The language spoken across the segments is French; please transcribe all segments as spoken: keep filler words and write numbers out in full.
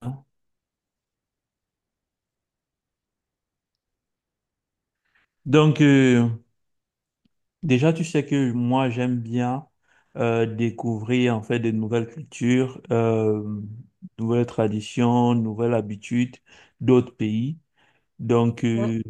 Hein? Donc, euh, Déjà, tu sais que moi, j'aime bien euh, découvrir en fait de nouvelles cultures, euh, nouvelles traditions, nouvelles habitudes d'autres pays. Donc, Oui, euh,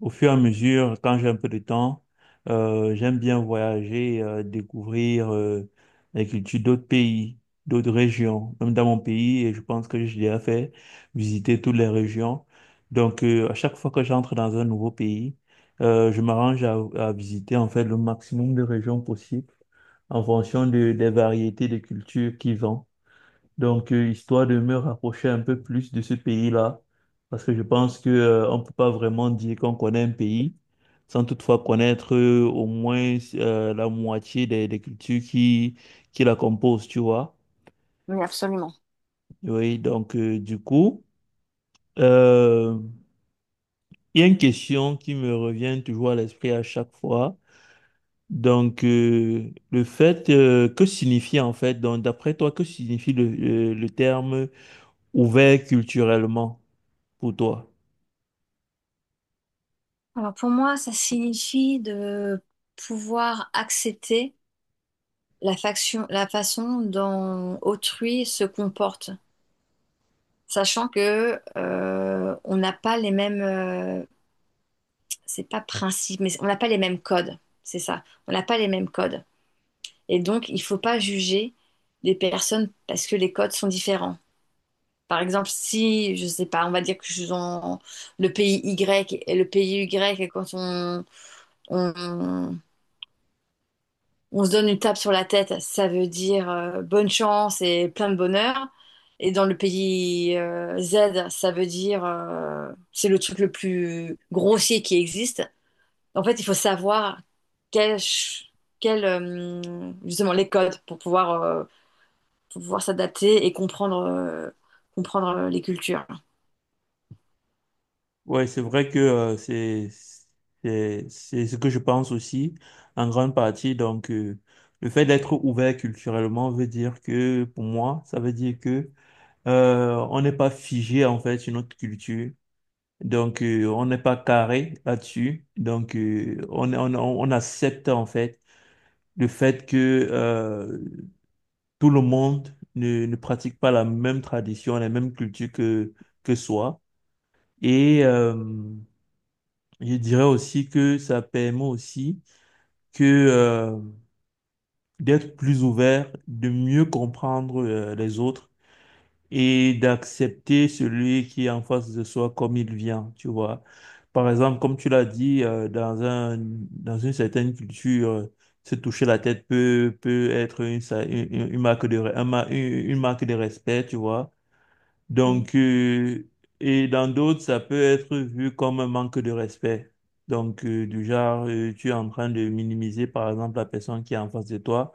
Au fur et à mesure, quand j'ai un peu de temps, euh, j'aime bien voyager, euh, découvrir euh, la culture d'autres pays, d'autres régions, même dans mon pays, et je pense que j'ai déjà fait visiter toutes les régions. Donc, euh, à chaque fois que j'entre dans un nouveau pays, euh, je m'arrange à, à visiter en fait le maximum de régions possibles en fonction de- des variétés de cultures qu'ils ont. Donc, euh, histoire de me rapprocher un peu plus de ce pays-là, parce que je pense que, euh, on peut pas vraiment dire qu'on connaît un pays sans toutefois connaître euh, au moins euh, la moitié des, des cultures qui, qui la composent, tu vois. oui, absolument. Oui, donc, euh, du coup, euh, il y a une question qui me revient toujours à l'esprit à chaque fois. Donc, euh, le fait, euh, que signifie en fait, donc, d'après toi, que signifie le, le le terme ouvert culturellement pour toi? Alors pour moi, ça signifie de pouvoir accepter la faction- la façon dont autrui se comporte, sachant que euh, on n'a pas les mêmes, euh, c'est pas principe, mais on n'a pas les mêmes codes, c'est ça. On n'a pas les mêmes codes, et donc il faut pas juger les personnes parce que les codes sont différents. Par exemple, si, je sais pas, on va dire que je suis dans le pays Y et le pays Y, et quand on, on on se donne une tape sur la tête, ça veut dire euh, bonne chance et plein de bonheur. Et dans le pays euh, Z, ça veut dire euh, c'est le truc le plus grossier qui existe. En fait, il faut savoir quel, ch- quel, euh, justement les codes pour pouvoir, euh, pour pouvoir s'adapter et comprendre, euh, comprendre euh, les cultures. Ouais, c'est vrai que euh, c'est c'est c'est ce que je pense aussi en grande partie. Donc, euh, le fait d'être ouvert culturellement veut dire que pour moi, ça veut dire que euh, on n'est pas figé en fait sur notre culture. Donc, euh, on n'est pas carré là-dessus. Donc, euh, on, on on accepte en fait le fait que euh, tout le monde ne ne pratique pas la même tradition, la même culture que que soi. Et euh, je dirais aussi que ça permet aussi que euh, d'être plus ouvert, de mieux comprendre euh, les autres et d'accepter celui qui est en face de soi comme il vient, tu vois. Par exemple, comme tu l'as dit, euh, dans un, dans une certaine culture, euh, se toucher la tête peut, peut être une, sa- une, une marque de, re- un ma- une une marque de respect, tu vois. Mm. Donc, euh, et dans d'autres, ça peut être vu comme un manque de respect. Donc, euh, du genre, euh, tu es en train de minimiser, par exemple, la personne qui est en face de toi.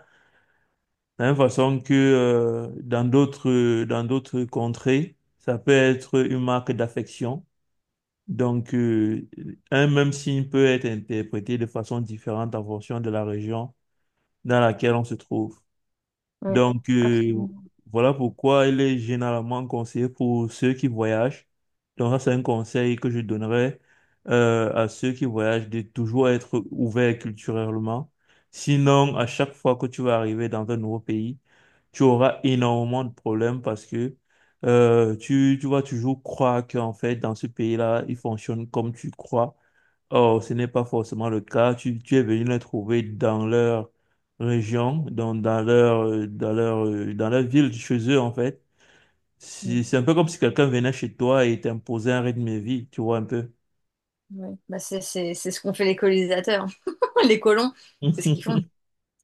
De la même façon que euh, dans d'autres, euh, dans d'autres contrées, ça peut être une marque d'affection. Donc, euh, un même signe peut être interprété de façon différente en fonction de la région dans laquelle on se trouve. Ouais, Donc, euh, absolument. voilà pourquoi il est généralement conseillé pour ceux qui voyagent. Donc, ça, c'est un conseil que je donnerais euh, à ceux qui voyagent de toujours être ouvert culturellement. Sinon, à chaque fois que tu vas arriver dans un nouveau pays, tu auras énormément de problèmes parce que euh, tu, tu vas toujours croire qu'en fait, dans ce pays-là, il fonctionne comme tu crois. Or, ce n'est pas forcément le cas. Tu, tu es venu les trouver dans leur région, dans, dans leur, euh, dans leur, euh, dans leur ville, chez eux, en fait. C'est Oui, c'est un peu comme si quelqu'un venait chez toi et t'imposait un rythme de vie, tu vois, un peu. oui. Bah, c'est c'est- c'est ce qu'ont fait les colonisateurs. Les colons, c'est ce qu'ils font.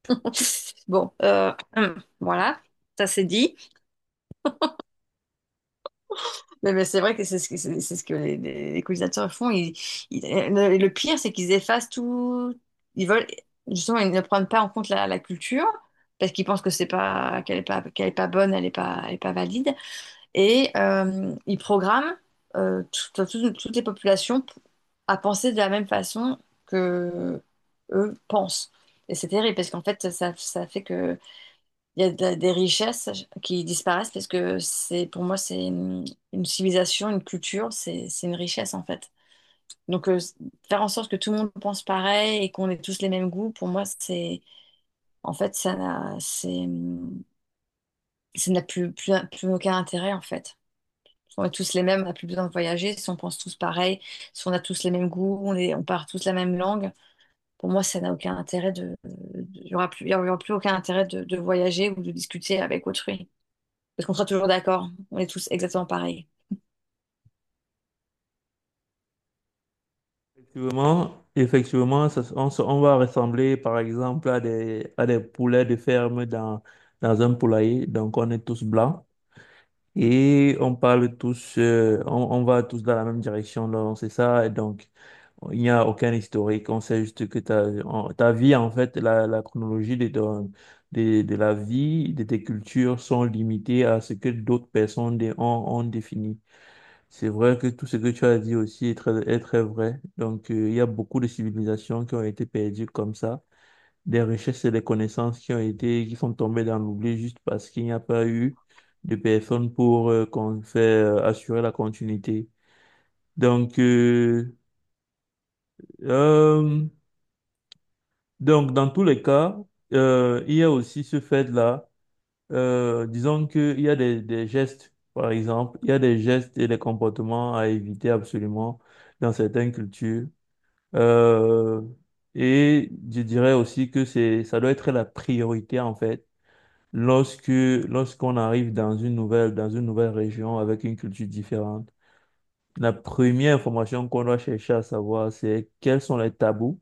Bon, euh, hum, voilà, ça c'est dit. Mais, mais c'est vrai que c'est ce que, c'est c'est ce que les, les- les colonisateurs font. Ils- ils- le, le pire, c'est qu'ils effacent tout. Ils veulent, justement, ils ne prennent pas en compte la, la culture parce qu'ils pensent que c'est pas, qu'elle est pas, qu'elle est pas bonne, elle est pas, elle est pas valide. Et euh, il programme euh, tout- enfin, tout- toutes les populations p- à penser de la même façon que eux pensent. Et c'est terrible parce qu'en fait, ça, ça fait que il y a de- des richesses qui disparaissent parce que c'est, pour moi, c'est une, une civilisation, une culture, c'est, c'est une richesse en fait. Donc, euh, Faire en sorte que tout le monde pense pareil et qu'on ait tous les mêmes goûts, pour moi, c'est, en fait, ça n'a, c'est, ça n'a plus, plus, plus aucun intérêt en fait. On est tous les mêmes, on n'a plus besoin de voyager. Si on pense tous pareil, si on a tous les mêmes goûts, on, est- on parle tous la même langue, pour moi, ça n'a aucun intérêt de... de- Il n'y aura plus, il y aura plus aucun intérêt de, de voyager ou de discuter avec autrui. Parce qu'on sera toujours d'accord. On est tous exactement pareils. Effectivement, effectivement, ça- on, se- on va ressembler, par exemple, à des, à des poulets de ferme dans, dans un poulailler. Donc, on est tous blancs et on parle tous, euh, on, on va tous dans la même direction. Donc, c'est ça. Et donc, il n'y a aucun historique. On sait juste que ta, en- ta vie, en fait, la, la chronologie de, ton- de, de la vie, de tes cultures sont limitées à ce que d'autres personnes dé- ont, ont défini. C'est vrai que tout ce que tu as dit aussi est très, est très vrai. Donc, euh, il y a beaucoup de civilisations qui ont été perdues comme ça, des richesses et des connaissances qui ont été, qui sont tombées dans l'oubli juste parce qu'il n'y a pas eu de personnes pour euh, qu'on fait, euh, assurer la continuité. Donc, euh, euh, Donc, dans tous les cas, euh, il y a aussi ce fait-là. Euh, disons qu'il y a des, des gestes, par exemple, il y a des gestes et des comportements à éviter absolument dans certaines cultures. Euh, et je dirais aussi que c'est, ça doit être la priorité, en fait, lorsque, lorsqu'on arrive dans une nouvelle, dans une nouvelle région avec une culture différente. La première information qu'on doit chercher à savoir, c'est quels sont les tabous,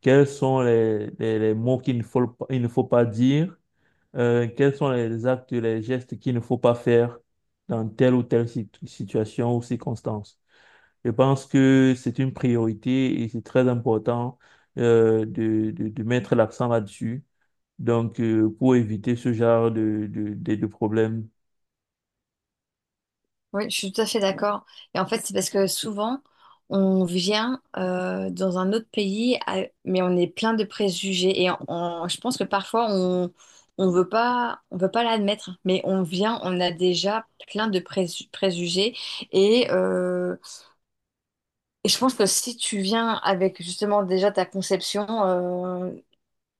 quels sont les, les, les mots qu'il ne faut, pas- il ne faut pas dire? Euh, quels sont les actes, les gestes qu'il ne faut pas faire dans telle ou telle sit- situation ou circonstance? Je pense que c'est une priorité et c'est très important euh, de, de, de mettre l'accent là-dessus. Donc, euh, pour éviter ce genre de, de, de, de problèmes. Oui, je suis tout à fait d'accord. Et en fait, c'est parce que souvent, on vient euh, dans un autre pays, à- mais on est plein de préjugés. Et on- on- je pense que parfois, on on veut pas, on veut pas l'admettre, mais on vient, on a déjà plein de présu- préjugés. Et, euh, et je pense que si tu viens avec justement déjà ta conception, euh,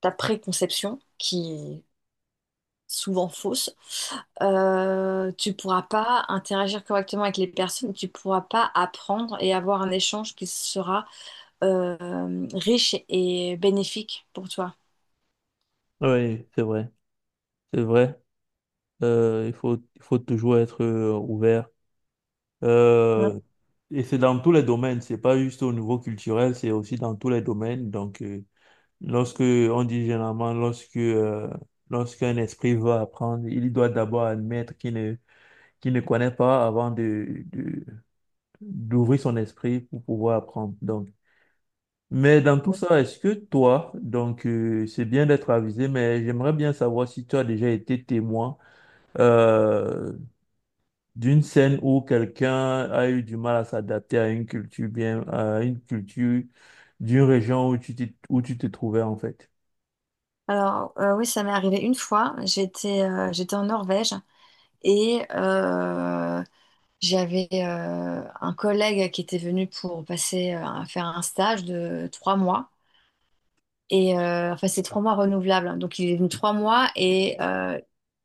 ta préconception, qui souvent fausses, euh, tu pourras pas interagir correctement avec les personnes, tu pourras pas apprendre et avoir un échange qui sera euh, riche et bénéfique pour toi. Oui, c'est vrai. C'est vrai. Euh, il faut, il faut toujours être euh, ouvert. Ouais. Euh, et c'est dans tous les domaines, c'est pas juste au niveau culturel, c'est aussi dans tous les domaines. Donc, euh, lorsque on dit généralement, lorsque euh, lorsqu'un esprit veut apprendre, il doit d'abord admettre qu'il ne qu'il ne connaît pas avant de, de- d'ouvrir son esprit pour pouvoir apprendre. Donc, mais dans tout ça, est-ce que toi, donc euh, c'est bien d'être avisé, mais j'aimerais bien savoir si tu as déjà été témoin euh, d'une scène où quelqu'un a eu du mal à s'adapter à une culture bien, à une culture d'une région où tu t'y- où tu te trouvais en fait. Alors, euh, oui, ça m'est arrivé une fois. J'étais euh, j'étais en Norvège et euh, j'avais euh, un collègue qui était venu pour passer euh, un- faire un stage de trois mois. Et euh, enfin, c'est trois mois renouvelables, hein. Donc, il est venu trois mois et, euh,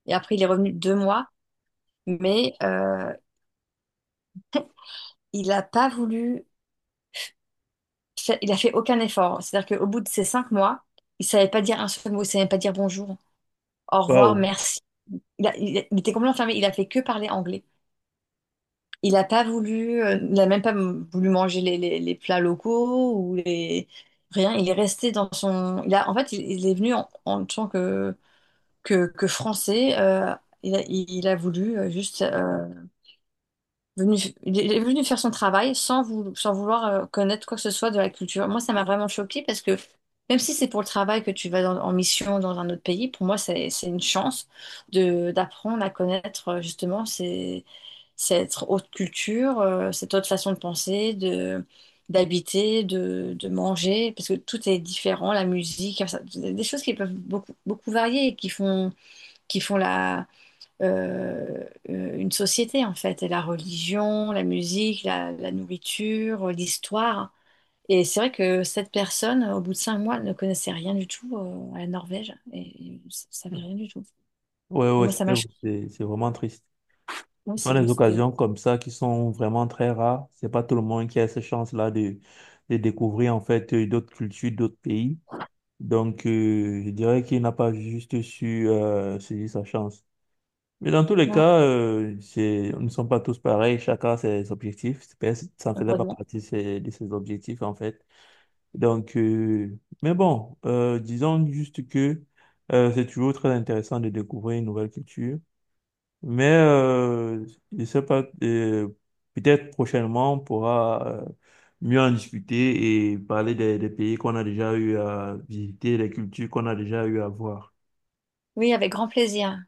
et après, il est revenu deux mois. Mais euh, il n'a pas voulu, fa- il a fait aucun effort. C'est-à-dire qu'au bout de ces cinq mois, il savait pas dire un seul mot, il savait pas dire bonjour, au revoir, Waouh. merci. Il, a- il a- il était complètement fermé. Il a fait que parler anglais. Il n'a pas voulu, euh, il n'a même pas m- voulu manger les, les- les plats locaux ou les rien. Il est resté dans son. Il a, en fait, il, il est venu en, en tant que que, que français. euh, il a, il il a voulu euh, juste euh, venu, il est venu faire son travail sans, vou- sans vouloir euh, connaître quoi que ce soit de la culture. Moi, ça m'a vraiment choquée parce que même si c'est pour le travail que tu vas dans- en mission dans un autre pays, pour moi, c'est, c'est une chance de d'apprendre à connaître euh, justement ces, cette autre culture, euh, cette autre façon de penser, de d'habiter, de, de manger, parce que tout est différent, la musique, enfin, ça- des choses qui peuvent beaucoup, beaucoup varier et qui font qui font la, euh, euh, une société en fait, et la religion, la musique, la, la nourriture, l'histoire. Et c'est vrai que cette personne, au bout de cinq mois, elle ne connaissait rien du tout euh, à la Norvège et ne savait rien du tout. Ouais, ouais, Moi, ça c'est m'a choquée. c'est- c'est vraiment triste. Oui, Ce sont c'est- des c'était. occasions comme ça qui sont vraiment très rares. C'est pas tout le monde qui a cette chance-là de, de découvrir en fait euh, d'autres cultures, d'autres pays. Donc, euh, je dirais qu'il n'a pas juste su euh, saisir sa chance. Mais dans tous les Ouais, cas, euh, c'est- nous ne sommes pas tous pareils, chacun a ses objectifs. Personne- Ça ne faisait pas heureusement. partie de ses- de ses objectifs, en fait. Donc, euh, mais bon, euh, disons juste que euh, c'est toujours très intéressant de découvrir une nouvelle culture. Mais euh, je ne sais pas, euh, peut-être prochainement, on pourra euh, mieux en discuter et parler des, des pays qu'on a déjà eu à visiter, des cultures qu'on a déjà eu à voir. Oui, avec grand plaisir.